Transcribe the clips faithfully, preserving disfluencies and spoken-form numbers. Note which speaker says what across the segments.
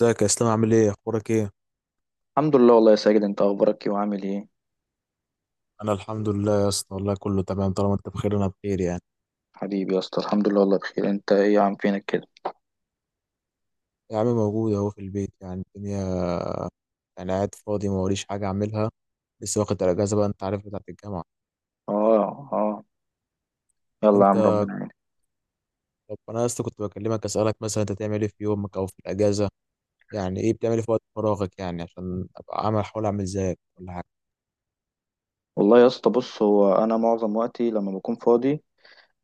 Speaker 1: ازيك يا اسلام؟ عامل ايه؟ اخبارك ايه؟
Speaker 2: الحمد لله، والله يا ساجد، انت اخبارك ايه وعامل ايه؟
Speaker 1: انا الحمد لله يا اسطى، والله كله تمام. طالما انت بخير انا بخير يعني.
Speaker 2: حبيبي يا اسطى، الحمد لله والله بخير. انت ايه يا عم، فينك كده؟
Speaker 1: يا عم موجود اهو في البيت، يعني الدنيا يعني قاعد فاضي، ما وريش حاجه اعملها. لسه واخد الاجازه بقى، انت عارف، بتاعت الجامعه.
Speaker 2: اه، اه. يلا يا
Speaker 1: انت
Speaker 2: عم، ربنا يعينك.
Speaker 1: طب انا يا اسطى كنت بكلمك اسالك، مثلا انت تعمل ايه في يومك او في الاجازه؟ يعني ايه بتعمل إيه في وقت فراغك، يعني عشان ابقى عامل، احاول اعمل زيك ولا حاجه.
Speaker 2: والله يا اسطى، بص، هو انا معظم وقتي لما بكون فاضي،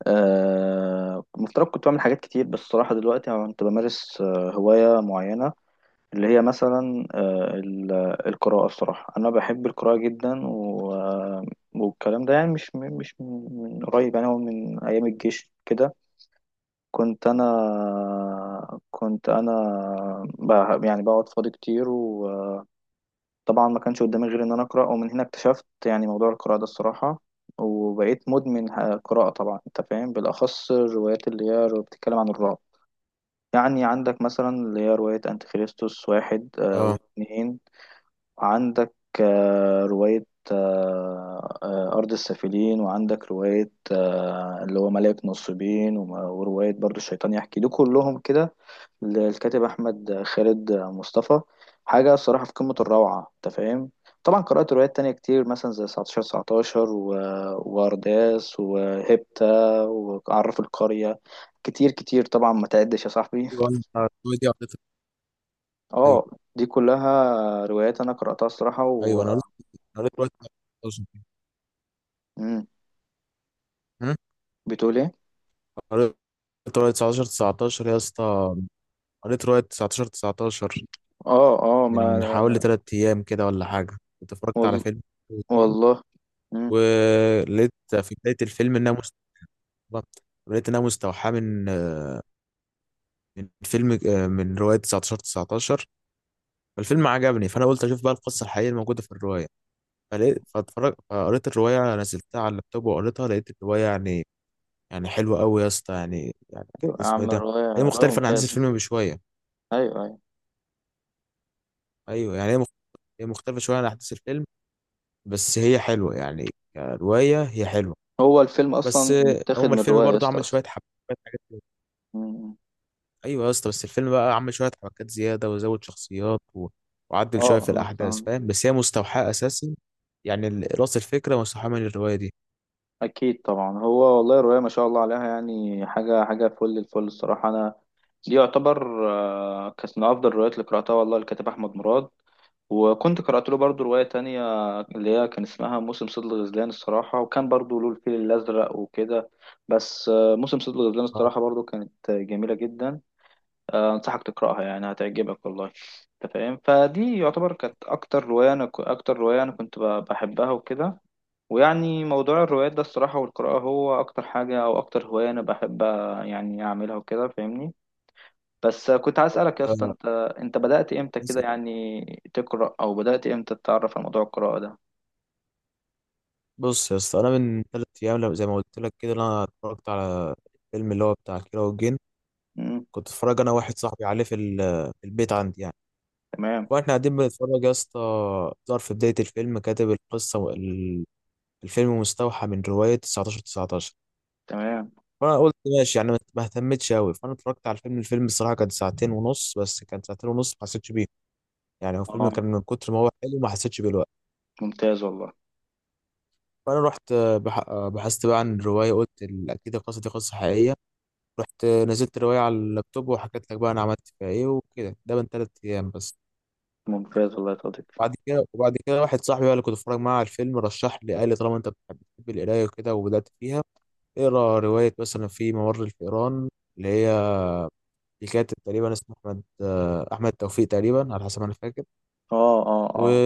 Speaker 2: آه مفترض كنت بعمل حاجات كتير، بس الصراحه دلوقتي انا كنت بمارس آه هوايه معينه، اللي هي مثلا آه ال- القراءه. الصراحه انا بحب القراءه جدا، و آه، والكلام ده يعني مش مش من قريب، يعني هو من ايام الجيش كده. كنت انا كنت انا بقى يعني بقعد فاضي كتير، وطبعا ما كانش قدامي غير ان انا اقرا، ومن هنا اكتشفت يعني موضوع القراءه ده الصراحه. وبقيت مدمن ه- قراءه، طبعا انت فاهم، بالاخص الروايات اللي هي رو- بتتكلم عن الرعب. يعني عندك مثلا اللي هي روايه انتيخريستوس واحد، آه،
Speaker 1: اه.
Speaker 2: واثنين. وعندك آه، روايه، آه، آه، أرض السافلين. وعندك رواية، آه، اللي هو ملاك نصيبين، وم- ورواية برضو الشيطان يحكي، دول كلهم كده للكاتب احمد خالد مصطفى. حاجه الصراحه في قمه
Speaker 1: يعني
Speaker 2: الروعه، انت فاهم. طبعا قرات روايات تانية كتير، مثلا زي تسعتاشر تسعتاشر و... وارداس، وهيبتا، وعراف القريه، كتير كتير طبعا، ما تعدش يا صاحبي.
Speaker 1: ايوه. انت دي قضيتك. ايوه.
Speaker 2: اه. دي كلها روايات انا قراتها الصراحه و
Speaker 1: ايوه انا قريت، أنا قريت رواية تسعتاشر.
Speaker 2: مم.
Speaker 1: هم؟
Speaker 2: بتقول ايه؟
Speaker 1: قريت رواية تسعتاشر تسعتاشر يا اسطى، قريت رواية تسعتاشر تسعة عشر
Speaker 2: اه، اه ما
Speaker 1: من حوالي تلات أيام كده ولا حاجة. كنت اتفرجت على
Speaker 2: وال...
Speaker 1: فيلم كويسين،
Speaker 2: والله. مم.
Speaker 1: ولقيت في بداية الفيلم إنها مستوحاة، لقيت إنها مستوحاة من من فيلم من رواية تسعة عشر تسعة عشر. فالفيلم عجبني، فأنا قلت أشوف بقى القصة الحقيقية الموجودة في الرواية. فلقيت فاتفرج فقريت الرواية، نزلتها على اللابتوب وقريتها، لقيت الرواية يعني، يعني حلوة أوي يا اسطى يعني. يعني كانت
Speaker 2: ايوه يا
Speaker 1: اسمه إيه
Speaker 2: عم،
Speaker 1: ده.
Speaker 2: الروايه
Speaker 1: هي
Speaker 2: روايه
Speaker 1: مختلفة عن أحداث
Speaker 2: ممتازه.
Speaker 1: الفيلم بشوية.
Speaker 2: ايوه، ايوه.
Speaker 1: أيوه يعني هي مخ- هي مختلفة شوية عن أحداث الفيلم، بس هي حلوة يعني. كرواية هي حلوة.
Speaker 2: هو الفيلم
Speaker 1: بس
Speaker 2: اصلا متاخد
Speaker 1: هما
Speaker 2: من
Speaker 1: الفيلم
Speaker 2: روايه يا
Speaker 1: برضو
Speaker 2: اسطى
Speaker 1: عمل
Speaker 2: اصلا.
Speaker 1: شويه حبكات، حاجات كده.
Speaker 2: مم.
Speaker 1: ايوه يا اسطى، بس الفيلم بقى عمل شويه حبكات زياده وزود شخصيات، و... وعدل شويه
Speaker 2: اه
Speaker 1: في
Speaker 2: انا
Speaker 1: الاحداث،
Speaker 2: فاهم.
Speaker 1: فاهم؟ بس هي مستوحاه اساسا، يعني ال- راس الفكره مستوحاه من الروايه دي.
Speaker 2: اكيد طبعا، هو والله رؤيا ما شاء الله عليها، يعني حاجه حاجه، فل الفل الصراحه. انا دي يعتبر، آه، كانت من افضل الروايات اللي قراتها والله، الكاتب احمد مراد. وكنت قرات له برضو روايه تانية اللي هي كان اسمها موسم صيد الغزلان الصراحه، وكان برضو له الفيل الازرق وكده. بس آه، موسم صيد الغزلان
Speaker 1: آه،
Speaker 2: الصراحه برضو كانت جميله جدا. آه، انصحك تقراها يعني، هتعجبك والله، انت فاهم. فدي يعتبر كانت اكتر روايه انا، اكتر روايه انا كنت ب- بحبها وكده. ويعني موضوع الروايات ده الصراحة والقراءة هو أكتر حاجة أو أكتر هواية أنا بحب يعني أعملها وكده، فاهمني. بس كنت عايز
Speaker 1: طب،
Speaker 2: أسألك يا اسطى،
Speaker 1: آه،
Speaker 2: أنت أنت بدأت إمتى
Speaker 1: بس-
Speaker 2: كده يعني تقرأ، أو بدأت إمتى تتعرف على موضوع القراءة ده؟
Speaker 1: بص يا اسطى، انا من ثلاث ايام، لو- زي ما قلت لك كده، انا اتفرجت على الفيلم اللي هو بتاع كيرة والجن.
Speaker 2: مم.
Speaker 1: كنت اتفرج انا واحد صاحبي عليه في ال- في البيت عندي يعني.
Speaker 2: تمام.
Speaker 1: واحنا قاعدين بنتفرج يا اسطى، ظهر في بدايه الفيلم كاتب القصه وال- الفيلم مستوحى من رواية تسعتاشر تسعتاشر.
Speaker 2: تمام.
Speaker 1: فانا قلت ماشي يعني، ما ما اهتمتش قوي، فانا اتفرجت على الفيلم الفيلم الصراحه كان ساعتين ونص، بس كان ساعتين ونص ما حسيتش بيه. يعني هو الفيلم
Speaker 2: أه.
Speaker 1: كان من كتر ما هو حلو ما حسيتش بيه الوقت.
Speaker 2: ممتاز والله.
Speaker 1: فانا رحت آه، بح... آه، بحثت بقى عن الروايه، قلت ال- اكيد القصه دي قصه حقيقيه. رحت آه، نزلت الروايه على اللابتوب، وحكيت لك بقى انا عملت فيها ايه وكده. ده من ثلاث ايام بس.
Speaker 2: ممتاز والله يا صديقي.
Speaker 1: بعد كده، وبعد كده واحد صاحبي بقى اللي كنت بتفرج معاه على الفيلم رشح لي، قال لي طالما انت بتحب بتحب القرايه وكده وبدات فيها، اقرا روايه مثلا في ممر الفئران، اللي هي في كاتب تقريبا اسمه احمد آه، احمد توفيق تقريبا، على حسب ما انا فاكر.
Speaker 2: أه، أه،
Speaker 1: و...
Speaker 2: أه.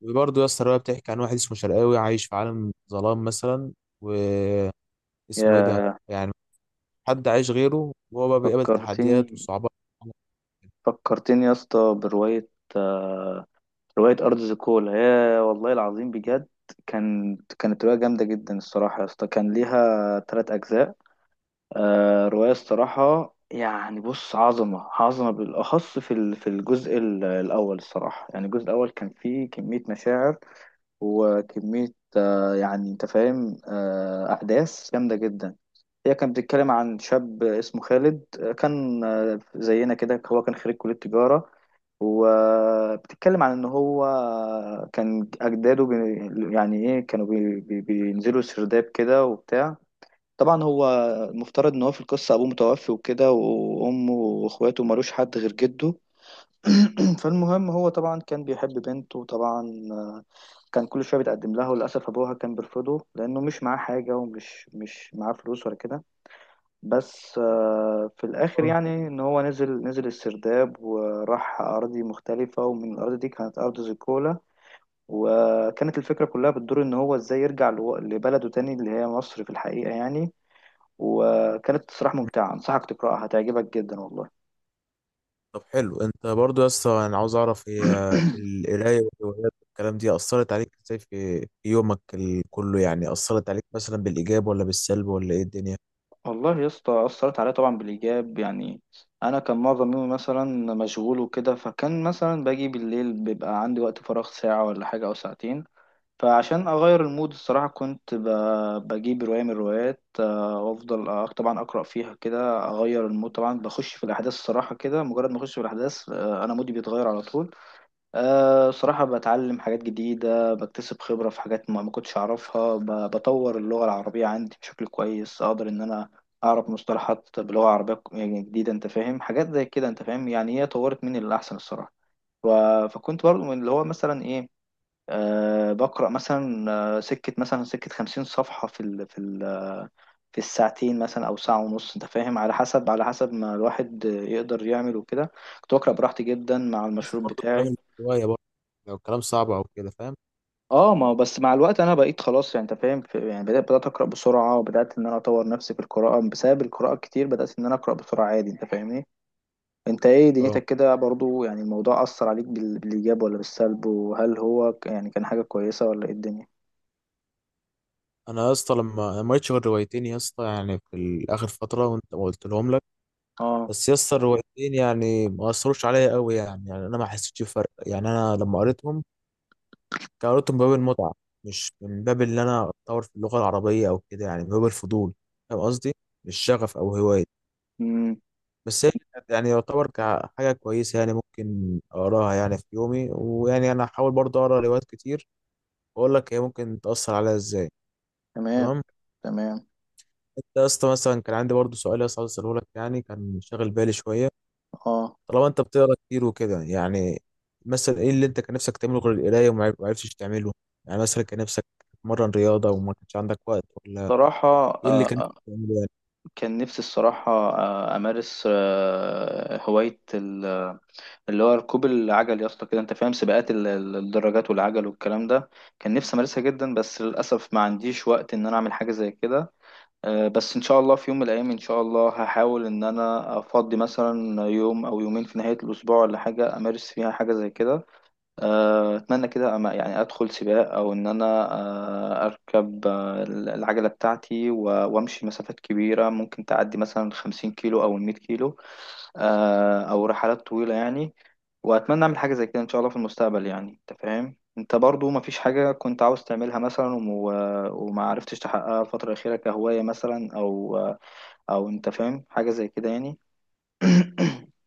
Speaker 1: وبرضه يا اسطى الروايه بتحكي عن واحد اسمه شرقاوي، عايش في عالم ظلام مثلا، واسمه ايه ده
Speaker 2: يا،
Speaker 1: يعني، حد عايش غيره، وهو بقى بيقابل تحديات
Speaker 2: فكرتني
Speaker 1: وصعوبات.
Speaker 2: فكرتني يا اسطى برواية، آه، رواية أرض زيكولا، يا والله العظيم بجد. كان كانت رواية جامدة جدا الصراحة يا اسطى، كان ليها تلات أجزاء. آه رواية الصراحة، يعني بص، عظمة عظمة، بالأخص في ال- في الجزء ال- الأول الصراحة. يعني الجزء الأول كان فيه كمية مشاعر وكمية، آه يعني أنت فاهم، آه أحداث جامدة جدا. هي كانت بتتكلم عن شاب اسمه خالد، آه، كان آه، زينا كده، هو كان خريج كلية تجارة. وبتتكلم عن ان هو كان اجداده بي يعني ايه، كانوا بي بي بينزلوا سرداب كده وبتاع. طبعا هو المفترض ان هو في القصه ابوه متوفي وكده، وامه واخواته ملوش حد غير جده. فالمهم هو طبعا كان بيحب بنته، وطبعا كان كل شويه بيتقدم لها، وللاسف ابوها كان بيرفضه لانه مش معاه حاجه، ومش مش معاه فلوس ولا كده. بس آه، في الآخر يعني إن هو نزل نزل السرداب، وراح أراضي مختلفة، ومن الأراضي دي كانت أرض زيكولا. وكانت الفكرة كلها بتدور إن هو إزاي يرجع لو- لبلده تاني اللي هي مصر في الحقيقة يعني. وكانت صراحة ممتعة، أنصحك تقرأها، هتعجبك جدا والله.
Speaker 1: طب حلو. انت برضه يا اسطى انا عاوز اعرف، هي القرايه والروايات والكلام دي اثرت عليك ازاي في في يومك ال- كله؟ يعني اثرت عليك مثلا بالايجاب ولا بالسلب، ولا ايه الدنيا؟
Speaker 2: والله يا اسطى، أثرت عليا طبعا بالإيجاب يعني. أنا كان معظم يومي مثلا مشغول وكده، فكان مثلا باجي بالليل بيبقى عندي وقت فراغ ساعة ولا حاجة أو ساعتين. فعشان اغير المود الصراحه كنت ب- بجيب روايه من الروايات، آه، وافضل أق- طبعا اقرا فيها كده، اغير المود، طبعا بخش في الاحداث الصراحه كده، مجرد ما اخش في الاحداث، آه، انا مودي بيتغير على طول. آه، صراحه بتعلم حاجات جديده، بكتسب خبره في حاجات ما ما كنتش اعرفها، ب- بطور اللغه العربيه عندي بشكل كويس، اقدر ان انا اعرف مصطلحات بلغه عربيه ك- يعني جديده، انت فاهم، حاجات زي كده انت فاهم، يعني هي طورت مني للاحسن الصراحه. ف- فكنت برضو من اللي هو مثلا ايه، أه بقرأ مثلا، آه، سكة مثلا سكة خمسين صفحة في ال في ال آه، في الساعتين مثلا أو ساعة ونص. أنت فاهم، على حسب على حسب ما الواحد يقدر يعمل وكده. كنت بقرأ براحتي جدا مع
Speaker 1: حسب
Speaker 2: المشروب
Speaker 1: برضه الكلام،
Speaker 2: بتاعي.
Speaker 1: الروايه برضه، لو الكلام صعب او كده، فاهم.
Speaker 2: اه، ما هو بس مع الوقت انا بقيت خلاص يعني انت فاهم، في- يعني بدات بدات اقرا بسرعه. وبدات ان انا اطور نفسي في القراءه، بسبب القراءه الكتير بدات ان انا اقرا بسرعه عادي، انت فاهمني. انت ايه
Speaker 1: اه.
Speaker 2: دنيتك كده برضو؟ يعني الموضوع اثر عليك بال- بالايجاب ولا بالسلب؟ وهل هو ك- يعني كان حاجه كويسه ولا ايه الدنيا؟
Speaker 1: انا يا اسطى، لما أنا ما قريتش غير روايتين يا اسطى، يعني في ال- اخر فتره، وانت ما قلت لهم لك، بس يا اسطى الروايتين يعني ما اثروش عليا قوي يعني. يعني انا ما حسيتش بفرق. يعني انا لما قريتهم، كان قريتهم من باب المتعه، مش من باب ان انا اتطور في اللغه العربيه او كده. يعني من باب الفضول، فاهم قصدي؟ مش شغف او هوايه.
Speaker 2: اه.
Speaker 1: بس هي كانت يعني يعتبر كحاجه كويسه، يعني ممكن اقراها يعني في يومي، ويعني انا هحاول برضه اقرا روايات كتير، واقول لك هي ممكن تاثر عليا ازاي.
Speaker 2: تمام.
Speaker 1: تمام.
Speaker 2: تمام.
Speaker 1: انت يا اسطى مثلا، كان عندي برضه سؤال يا اسطى عاوز اساله لك، يعني كان شاغل بالي شويه.
Speaker 2: اه.
Speaker 1: طالما انت بتقرا كتير وكده يعني، مثلا ايه اللي انت كان نفسك تعمله غير القرايه وما عرف- ما عرفتش تعمله؟ يعني مثلا كان نفسك تتمرن رياضه وما كانش عندك وقت، ولا
Speaker 2: صراحة،
Speaker 1: ايه اللي
Speaker 2: آه،
Speaker 1: كان نفسك
Speaker 2: آه،
Speaker 1: تعمله يعني؟
Speaker 2: كان نفسي الصراحة، آه، أمارس آه، هواية ال- اللي هو ركوب العجل يا اسطى كده. أنت فاهم سباقات ال- ال- الدراجات والعجل والكلام ده، كان نفسي أمارسها جدا، بس للأسف ما عنديش وقت إن أنا أعمل حاجة زي كده. آه، بس إن شاء الله في يوم من الأيام، إن شاء الله هحاول إن أنا أفضي مثلا يوم أو يومين في نهاية الأسبوع ولا حاجة، أمارس فيها حاجة زي كده. آه، اتمنى كده أما يعني ادخل سباق او ان انا، آه، اركب آه، العجله بتاعتي، و- وامشي مسافات كبيره ممكن تعدي مثلا 50 كيلو او 100 كيلو، آه، او رحلات طويله يعني. واتمنى اعمل حاجه زي كده ان شاء الله في المستقبل يعني، انت فاهم. انت برضو ما فيش حاجه كنت عاوز تعملها مثلا، وم- وما عرفتش تحققها الفتره الاخيره كهوايه مثلا، او او انت فاهم حاجه زي كده يعني.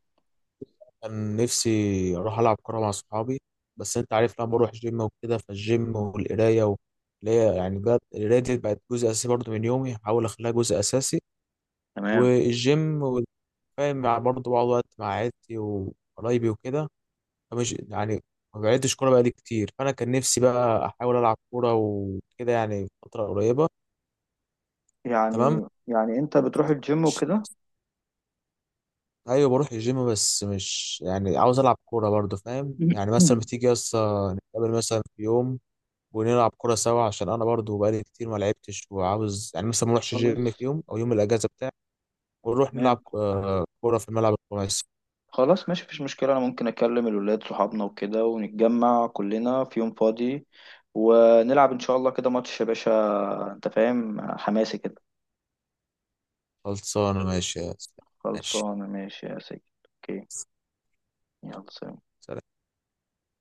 Speaker 1: كان نفسي اروح العب كوره مع صحابي، بس انت عارف لما بروح جيم وكده، فالجيم والقرايه، و... اللي هي يعني بقت، القرايه دي بقت جزء اساسي برضه من يومي، هحاول اخليها جزء اساسي،
Speaker 2: تمام.
Speaker 1: والجيم، والفاهم برضه بقعد وقت مع عيلتي وقرايبي وكده، مش يعني. ما بعدتش كوره بقالي كتير، فانا كان نفسي بقى احاول العب كوره وكده، يعني في فتره قريبه. تمام.
Speaker 2: يعني يعني انت بتروح الجيم
Speaker 1: مش-
Speaker 2: وكده.
Speaker 1: ايوه بروح الجيم، بس مش يعني، عاوز العب كوره برضو، فاهم يعني؟ مثلا بتيجي يسطا نتقابل مثلا في يوم ونلعب كوره سوا، عشان انا برضو بقالي كتير ما لعبتش، وعاوز يعني مثلا ما اروحش
Speaker 2: خلاص.
Speaker 1: جيم في يوم، او يوم الاجازه بتاعي، ونروح
Speaker 2: تمام.
Speaker 1: نلعب آه، كوره في الملعب الخماسي.
Speaker 2: خلاص ماشي، مفيش مشكلة، أنا ممكن أكلم الولاد صحابنا وكده ونتجمع كلنا في يوم فاضي، ونلعب إن شاء الله كده ماتش يا باشا، أنت فاهم، حماسي كده.
Speaker 1: خلصانه، ماشي يا أسلام. ماشي
Speaker 2: خلصانة ماشي يا سيدي. أوكي. يلا، سلام.